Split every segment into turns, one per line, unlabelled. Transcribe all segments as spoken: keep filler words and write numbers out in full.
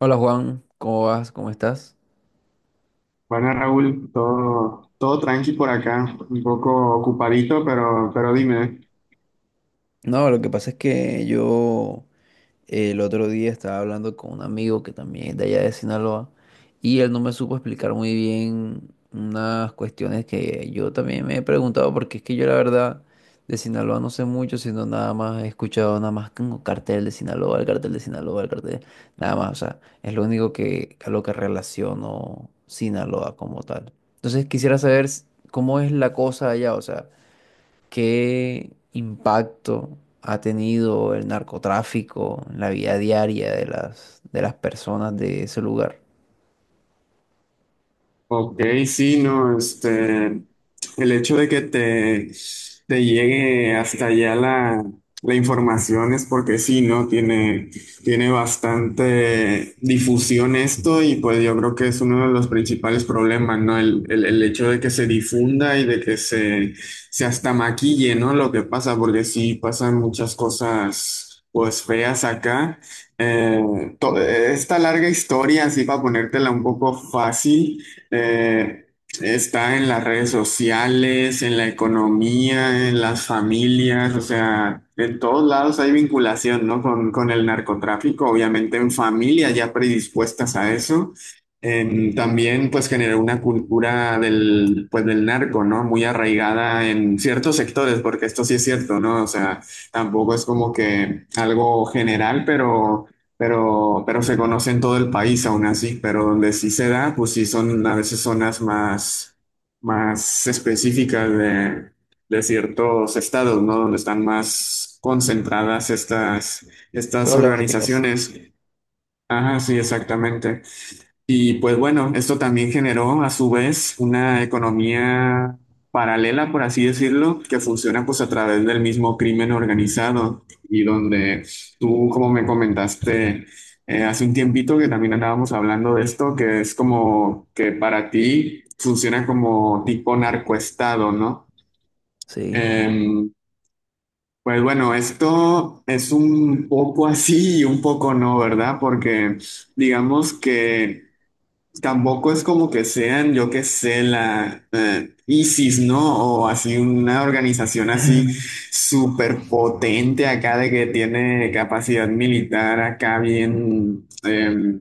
Hola Juan, ¿cómo vas? ¿Cómo estás?
Bueno, Raúl, todo, todo tranqui por acá, un poco ocupadito, pero, pero dime.
No, lo que pasa es que yo eh, el otro día estaba hablando con un amigo que también es de allá de Sinaloa, y él no me supo explicar muy bien unas cuestiones que yo también me he preguntado, porque es que yo, la verdad, de Sinaloa no sé mucho, sino nada más he escuchado, nada más como cartel de Sinaloa, el cartel de Sinaloa, el cartel, nada más. O sea, es lo único que a lo que relaciono Sinaloa como tal. Entonces quisiera saber s- cómo es la cosa allá, o sea. ¿Qué impacto ha tenido el narcotráfico en la vida diaria de las, de las personas de ese lugar?
Ok, sí, no, este, el hecho de que te, te llegue hasta allá la, la información es porque sí, ¿no? Tiene, tiene bastante difusión esto y pues yo creo que es uno de los principales problemas, ¿no? El, el, el hecho de que se difunda y de que se, se hasta maquille, ¿no? Lo que pasa, porque sí pasan muchas cosas, pues feas acá. Eh, to- esta larga historia, así para ponértela un poco fácil. Eh, Está en las redes sociales, en la economía, en las familias, o sea, en todos lados hay vinculación, ¿no? Con, con el narcotráfico, obviamente en familias ya predispuestas a eso. Em, también pues generó una cultura del, pues, del narco, ¿no? Muy arraigada en ciertos sectores, porque esto sí es cierto, ¿no? O sea, tampoco es como que algo general, pero... Pero, pero se conoce en todo el país aún así, pero donde sí se da, pues sí son a veces zonas más, más específicas de, de ciertos estados, ¿no? Donde están más concentradas estas, estas
Problemáticas.
organizaciones. Ajá, sí, exactamente. Y pues bueno, esto también generó a su vez una economía paralela, por así decirlo, que funciona pues a través del mismo crimen organizado y donde tú, como me comentaste eh, hace un tiempito que también andábamos hablando de esto, que es como que para ti funciona como tipo narcoestado, ¿no?
Sí.
Em, pues bueno, esto es un poco así y un poco no, ¿verdad? Porque digamos que... Tampoco es como que sean, yo qué sé, la eh, ISIS, ¿no? O así una organización así súper potente acá de que tiene capacidad militar acá bien, eh,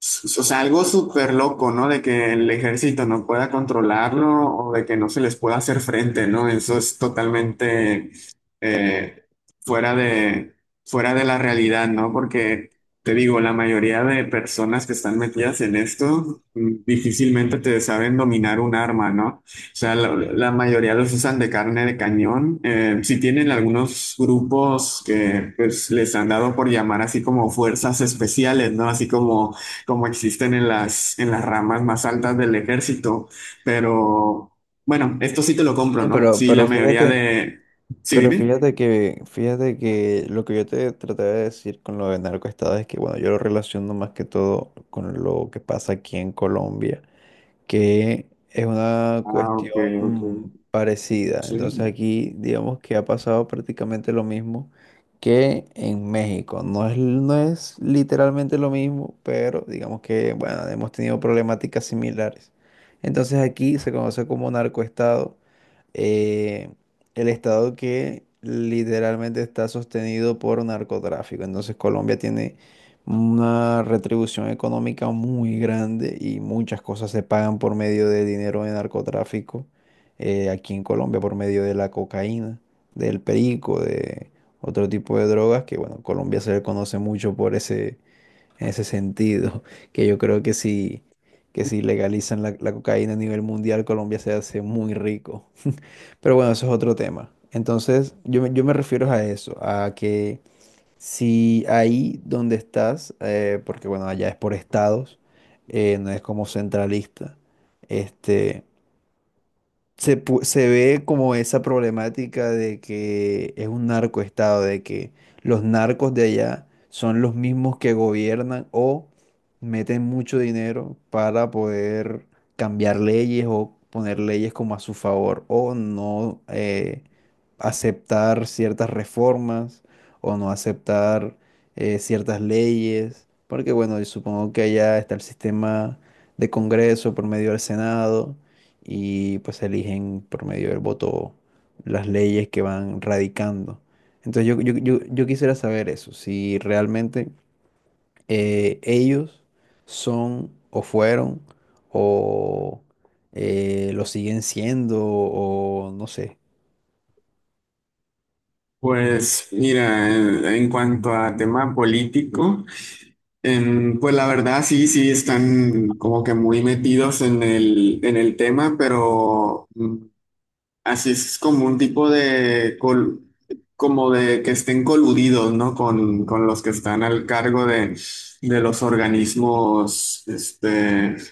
o sea, algo súper loco, ¿no? De que el ejército no pueda controlarlo o de que no se les pueda hacer frente, ¿no? Eso es totalmente eh, fuera de, fuera de la realidad, ¿no? Porque te digo, la mayoría de personas que están metidas en esto mm, difícilmente te saben dominar un arma, ¿no? O sea, la, la mayoría los usan de carne de cañón. Eh, sí tienen algunos grupos que pues, les han dado por llamar así como fuerzas especiales, ¿no? Así como como existen en las, en las ramas más altas del ejército. Pero bueno, esto sí te lo compro,
No,
¿no?
pero,
Sí, la
pero
mayoría
fíjate,
de... Sí,
pero
dime.
fíjate que, fíjate que lo que yo te traté de decir con lo de narcoestado es que, bueno, yo lo relaciono más que todo con lo que pasa aquí en Colombia, que es una
Ah, ok, ok.
cuestión parecida. Entonces
Sí.
aquí digamos que ha pasado prácticamente lo mismo que en México. No es, no es literalmente lo mismo, pero digamos que, bueno, hemos tenido problemáticas similares. Entonces aquí se conoce como narcoestado, eh, el estado que literalmente está sostenido por narcotráfico. Entonces Colombia tiene una retribución económica muy grande y muchas cosas se pagan por medio de dinero de narcotráfico, eh, aquí en Colombia, por medio de la cocaína, del perico, de otro tipo de drogas que, bueno, Colombia se le conoce mucho por ese, en ese sentido, que yo creo que si, que si legalizan la la cocaína a nivel mundial, Colombia se hace muy rico. Pero bueno, eso es otro tema. Entonces, yo, me- yo me refiero a eso, a que si ahí donde estás, eh, porque bueno, allá es por estados, eh, no es como centralista, este, se, pu- se ve como esa problemática de que es un narcoestado, de que los narcos de allá son los mismos que gobiernan o meten mucho dinero para poder cambiar leyes o poner leyes como a su favor, o no eh, aceptar ciertas reformas o no aceptar eh, ciertas leyes, porque bueno, yo supongo que allá está el sistema de Congreso por medio del Senado y pues eligen por medio del voto las leyes que van radicando. Entonces yo, yo- yo- yo quisiera saber eso, si realmente eh, ellos son o fueron o eh, lo siguen siendo o no sé.
Pues mira, en en cuanto a tema político, em, pues la verdad sí, sí están como que muy metidos en el, en el tema, pero Así es. Es como un tipo de, col- como de que estén coludidos, ¿no? Con, con los que están al cargo de, de los organismos, este,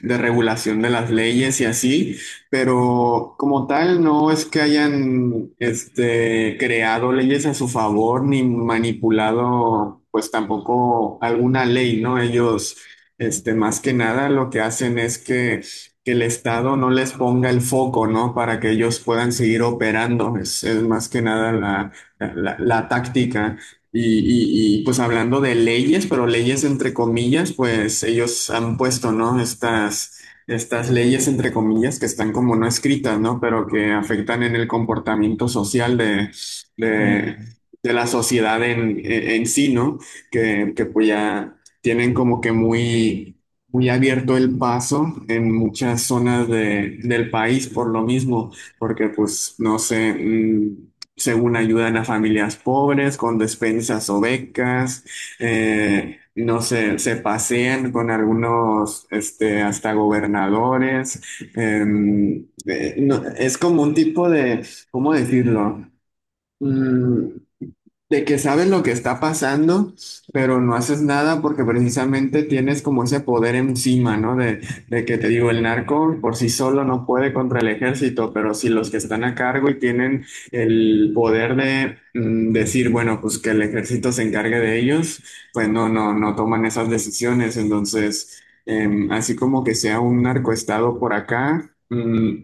de regulación de las leyes y así, pero como tal no es que hayan, este, creado leyes a su favor ni manipulado, pues tampoco alguna ley, ¿no? Ellos, este, más que nada lo que hacen es que que el Estado no les ponga el foco, ¿no? Para que ellos puedan seguir operando. Es, es más que nada la, la- la táctica. Y, y- y, pues hablando de leyes, pero leyes entre comillas, pues ellos han puesto, ¿no? Estas, estas leyes entre comillas que están como no escritas, ¿no? Pero que afectan en el comportamiento social de, de,
Mm,
de la sociedad en, en en sí, ¿no? Que, que pues ya tienen como que muy muy abierto el paso en muchas zonas de- del país por lo mismo, porque pues no sé, mm, según ayudan a familias pobres con despensas o becas, eh, no sé, se pasean con algunos, este, hasta gobernadores, em, eh, no, es como un tipo de, ¿cómo decirlo? Mm, de que sabes lo que está pasando, pero no haces nada porque precisamente tienes como ese poder encima, ¿no? De, de que te digo, el narco por sí solo no puede contra el ejército, pero si los que están a cargo y tienen el poder de mm, decir, bueno, pues que el ejército se encargue de ellos, pues no, no, no toman esas decisiones. Entonces, em, así como que sea un narcoestado por acá, mm,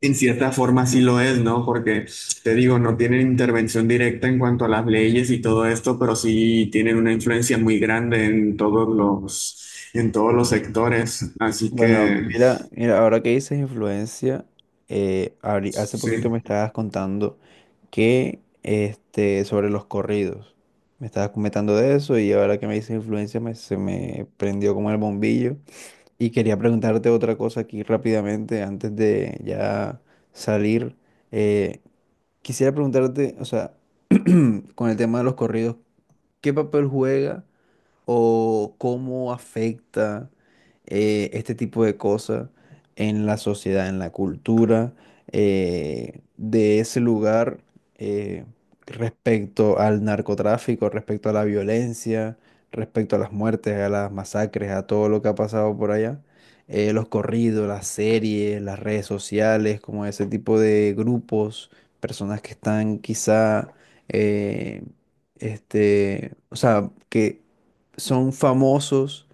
en cierta forma sí lo es, ¿no? Porque te digo, no tienen intervención directa en cuanto a las leyes y todo esto, pero sí tienen una influencia muy grande en todos los, en todos los sectores. Así
Bueno,
que
mira, mira, ahora que dices influencia, eh, ahori- hace poquito me
sí.
estabas contando que este, sobre los corridos. Me estabas comentando de eso y ahora que me dices influencia me- se me prendió como el bombillo. Y quería preguntarte otra cosa aquí rápidamente antes de ya salir. Eh, Quisiera preguntarte, o sea, con el tema de los corridos, ¿qué papel juega o cómo afecta eh, este tipo de cosas en la sociedad, en la cultura eh, de ese lugar eh, respecto al narcotráfico, respecto a la violencia, respecto a las muertes, a las masacres, a todo lo que ha pasado por allá? Eh, los corridos, las series, las redes sociales, como ese tipo de grupos, personas que están quizá, eh, este, o sea, que son famosos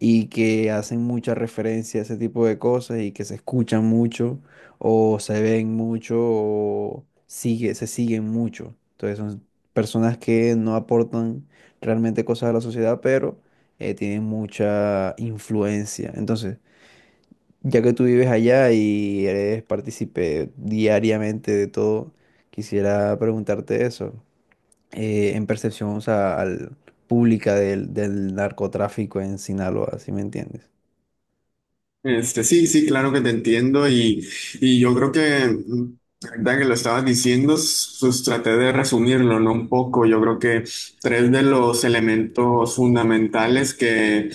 y que hacen mucha referencia a ese tipo de cosas y que se escuchan mucho o se ven mucho o sigue, se siguen mucho. Entonces son personas que no aportan realmente cosas a la sociedad, pero eh, tienen mucha influencia. Entonces, ya que tú vives allá y eres partícipe diariamente de todo, quisiera preguntarte eso eh, en percepción, o sea, al, pública del, del narcotráfico en Sinaloa, ¿sí me entiendes?
Este, sí, sí, claro que te entiendo y, y, yo creo que, mm, ahorita que lo estabas diciendo, s- pues traté de resumirlo, ¿no? Un poco, yo creo que tres de los elementos fundamentales que,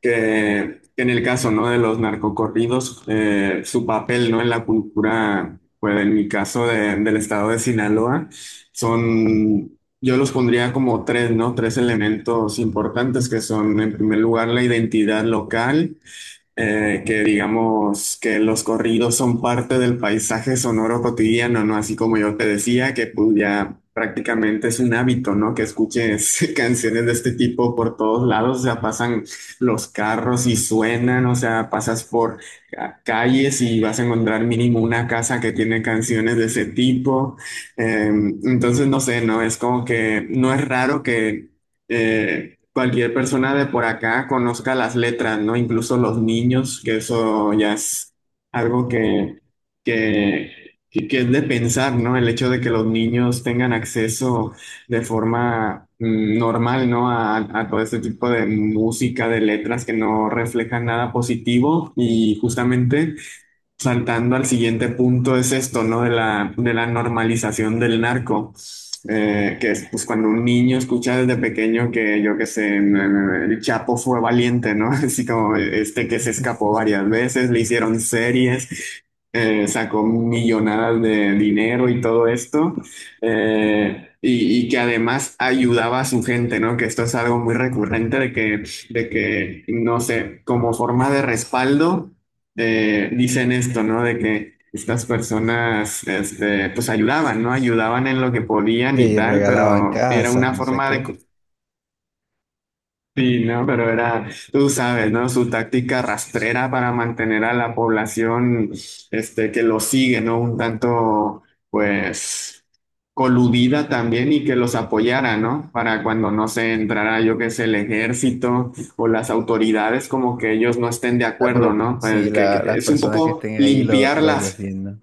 que en el caso, ¿no? De los narcocorridos, eh, su papel, ¿no? En la cultura, pues en mi caso de- del estado de Sinaloa, son... Yo los pondría como tres, ¿no? Tres elementos importantes que son, en primer lugar, la identidad local, eh, que digamos que los corridos son parte del paisaje sonoro cotidiano, ¿no? Así como yo te decía, que pues ya prácticamente es un hábito, ¿no? Que escuches canciones de este tipo por todos lados, o sea, pasan los carros y suenan, o sea, pasas por ca- calles y vas a encontrar mínimo una casa que tiene canciones de ese tipo. Eh, entonces, no sé, ¿no? Es como que no es raro que... eh, cualquier persona de por acá conozca las letras, ¿no? Incluso los niños, que eso ya es algo que, que, que- que es de pensar, ¿no? El hecho de que los niños tengan acceso de forma mm, normal, ¿no? A, a todo este tipo de música, de letras que no reflejan nada positivo y justamente... Saltando al siguiente punto es esto, ¿no? De la, de la normalización del narco. Eh, que es pues cuando un niño escucha desde pequeño que yo qué sé, en- el Chapo fue valiente, ¿no? Así como este que se escapó varias veces, le hicieron series, eh, sacó millonadas de dinero y todo esto, eh, y, y que además ayudaba a su gente, ¿no? Que esto es algo muy recurrente de que, de que, no sé, como forma de respaldo de- dicen esto, ¿no? De que estas personas, este, pues ayudaban, ¿no? Ayudaban en lo que podían y
Le
tal,
regalaban
pero era
casas,
una
no sé
forma de,
qué.
Sí, no, pero era, tú sabes, ¿no? Su táctica rastrera para mantener a la población, este, que lo sigue, ¿no? Un tanto, pues, coludida también y que los apoyara, ¿no? Para cuando no se entrara, yo qué sé, el ejército o las autoridades, como que ellos no estén de
Ah,
acuerdo,
pero
¿no?
sí,
El que,
la-
que
las
es un
personas que
poco
estén ahí lo,
limpiar
los
las.
defiendan.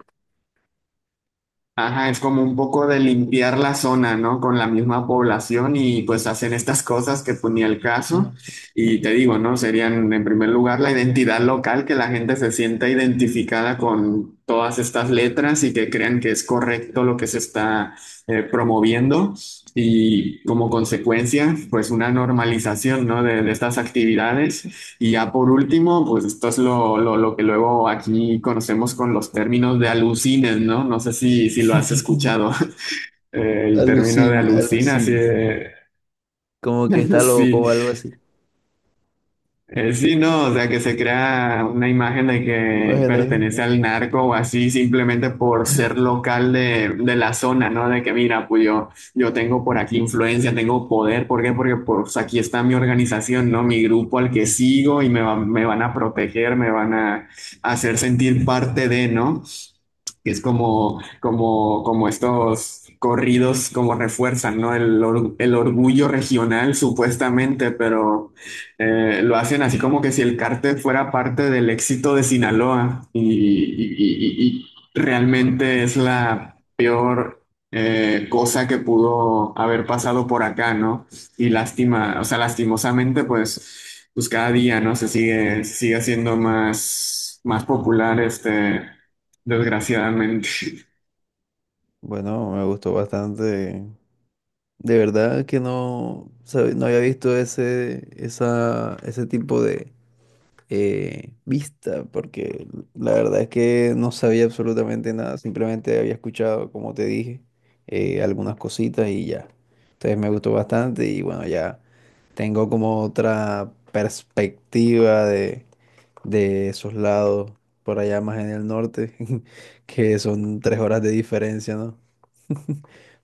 Ajá, es como un poco de limpiar la zona, ¿no? Con la misma población y pues hacen estas cosas que ponía el caso.
Mm.
Y te digo, ¿no? Serían en primer lugar la identidad local, que la gente se sienta identificada con todas estas letras y que crean que es correcto lo que se está eh, promoviendo. Y como consecuencia, pues una normalización, ¿no? De, de estas actividades y ya por último, pues esto es lo, lo, lo que luego aquí conocemos con los términos de alucines, ¿no? No sé si, si lo has escuchado, el término de
Alucín,
alucina, sí,
alucín.
eh,
Como que está loco
sí,
o algo así.
Eh, sí, no, o sea, que se crea una imagen de que
Imágenes.
pertenece al
¿No?
narco o así simplemente por ser local de, de la zona, ¿no? De que mira, pues yo, yo tengo por aquí influencia, tengo poder, ¿por qué? Porque pues aquí está mi organización, ¿no? Mi grupo al que sigo y me, va- me van a proteger, me van a hacer sentir parte de, ¿no? Que es como, como, como estos corridos como refuerzan, ¿no? El, or- el orgullo regional supuestamente, pero eh, lo hacen así como que si el cártel fuera parte del éxito de Sinaloa y, y- y- y realmente es la peor eh, cosa que pudo haber pasado por acá, ¿no? Y lástima, o sea, lastimosamente, pues, pues cada día, ¿no? Se sigue, se sigue haciendo más, más popular este. Desgraciadamente.
Bueno, me gustó bastante. De verdad que no, sabe- no había visto ese, esa, ese tipo de, eh, vista, porque la verdad es que no sabía absolutamente nada, simplemente había escuchado, como te dije, eh, algunas cositas y ya. Entonces me gustó bastante y bueno, ya tengo como otra perspectiva de, de esos lados por allá más en el norte, que son tres horas de diferencia, ¿no?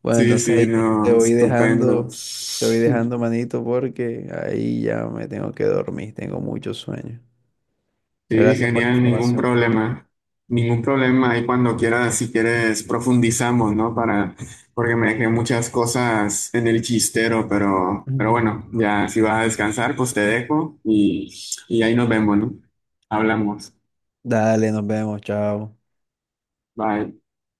Bueno,
Sí,
entonces
sí,
ahí te
no,
voy
estupendo.
dejando, te voy
Sí,
dejando manito, porque ahí ya me tengo que dormir, tengo mucho sueño. Gracias por la
genial, ningún
información.
problema. Ningún problema. Ahí cuando quieras, si quieres, profundizamos, ¿no? Para, porque me dejé muchas cosas en el chistero, pero, pero
Ujú.
bueno, ya si vas a descansar, pues te dejo y, y, ahí nos vemos, ¿no? Hablamos.
Dale, nos vemos, chao.
Bye.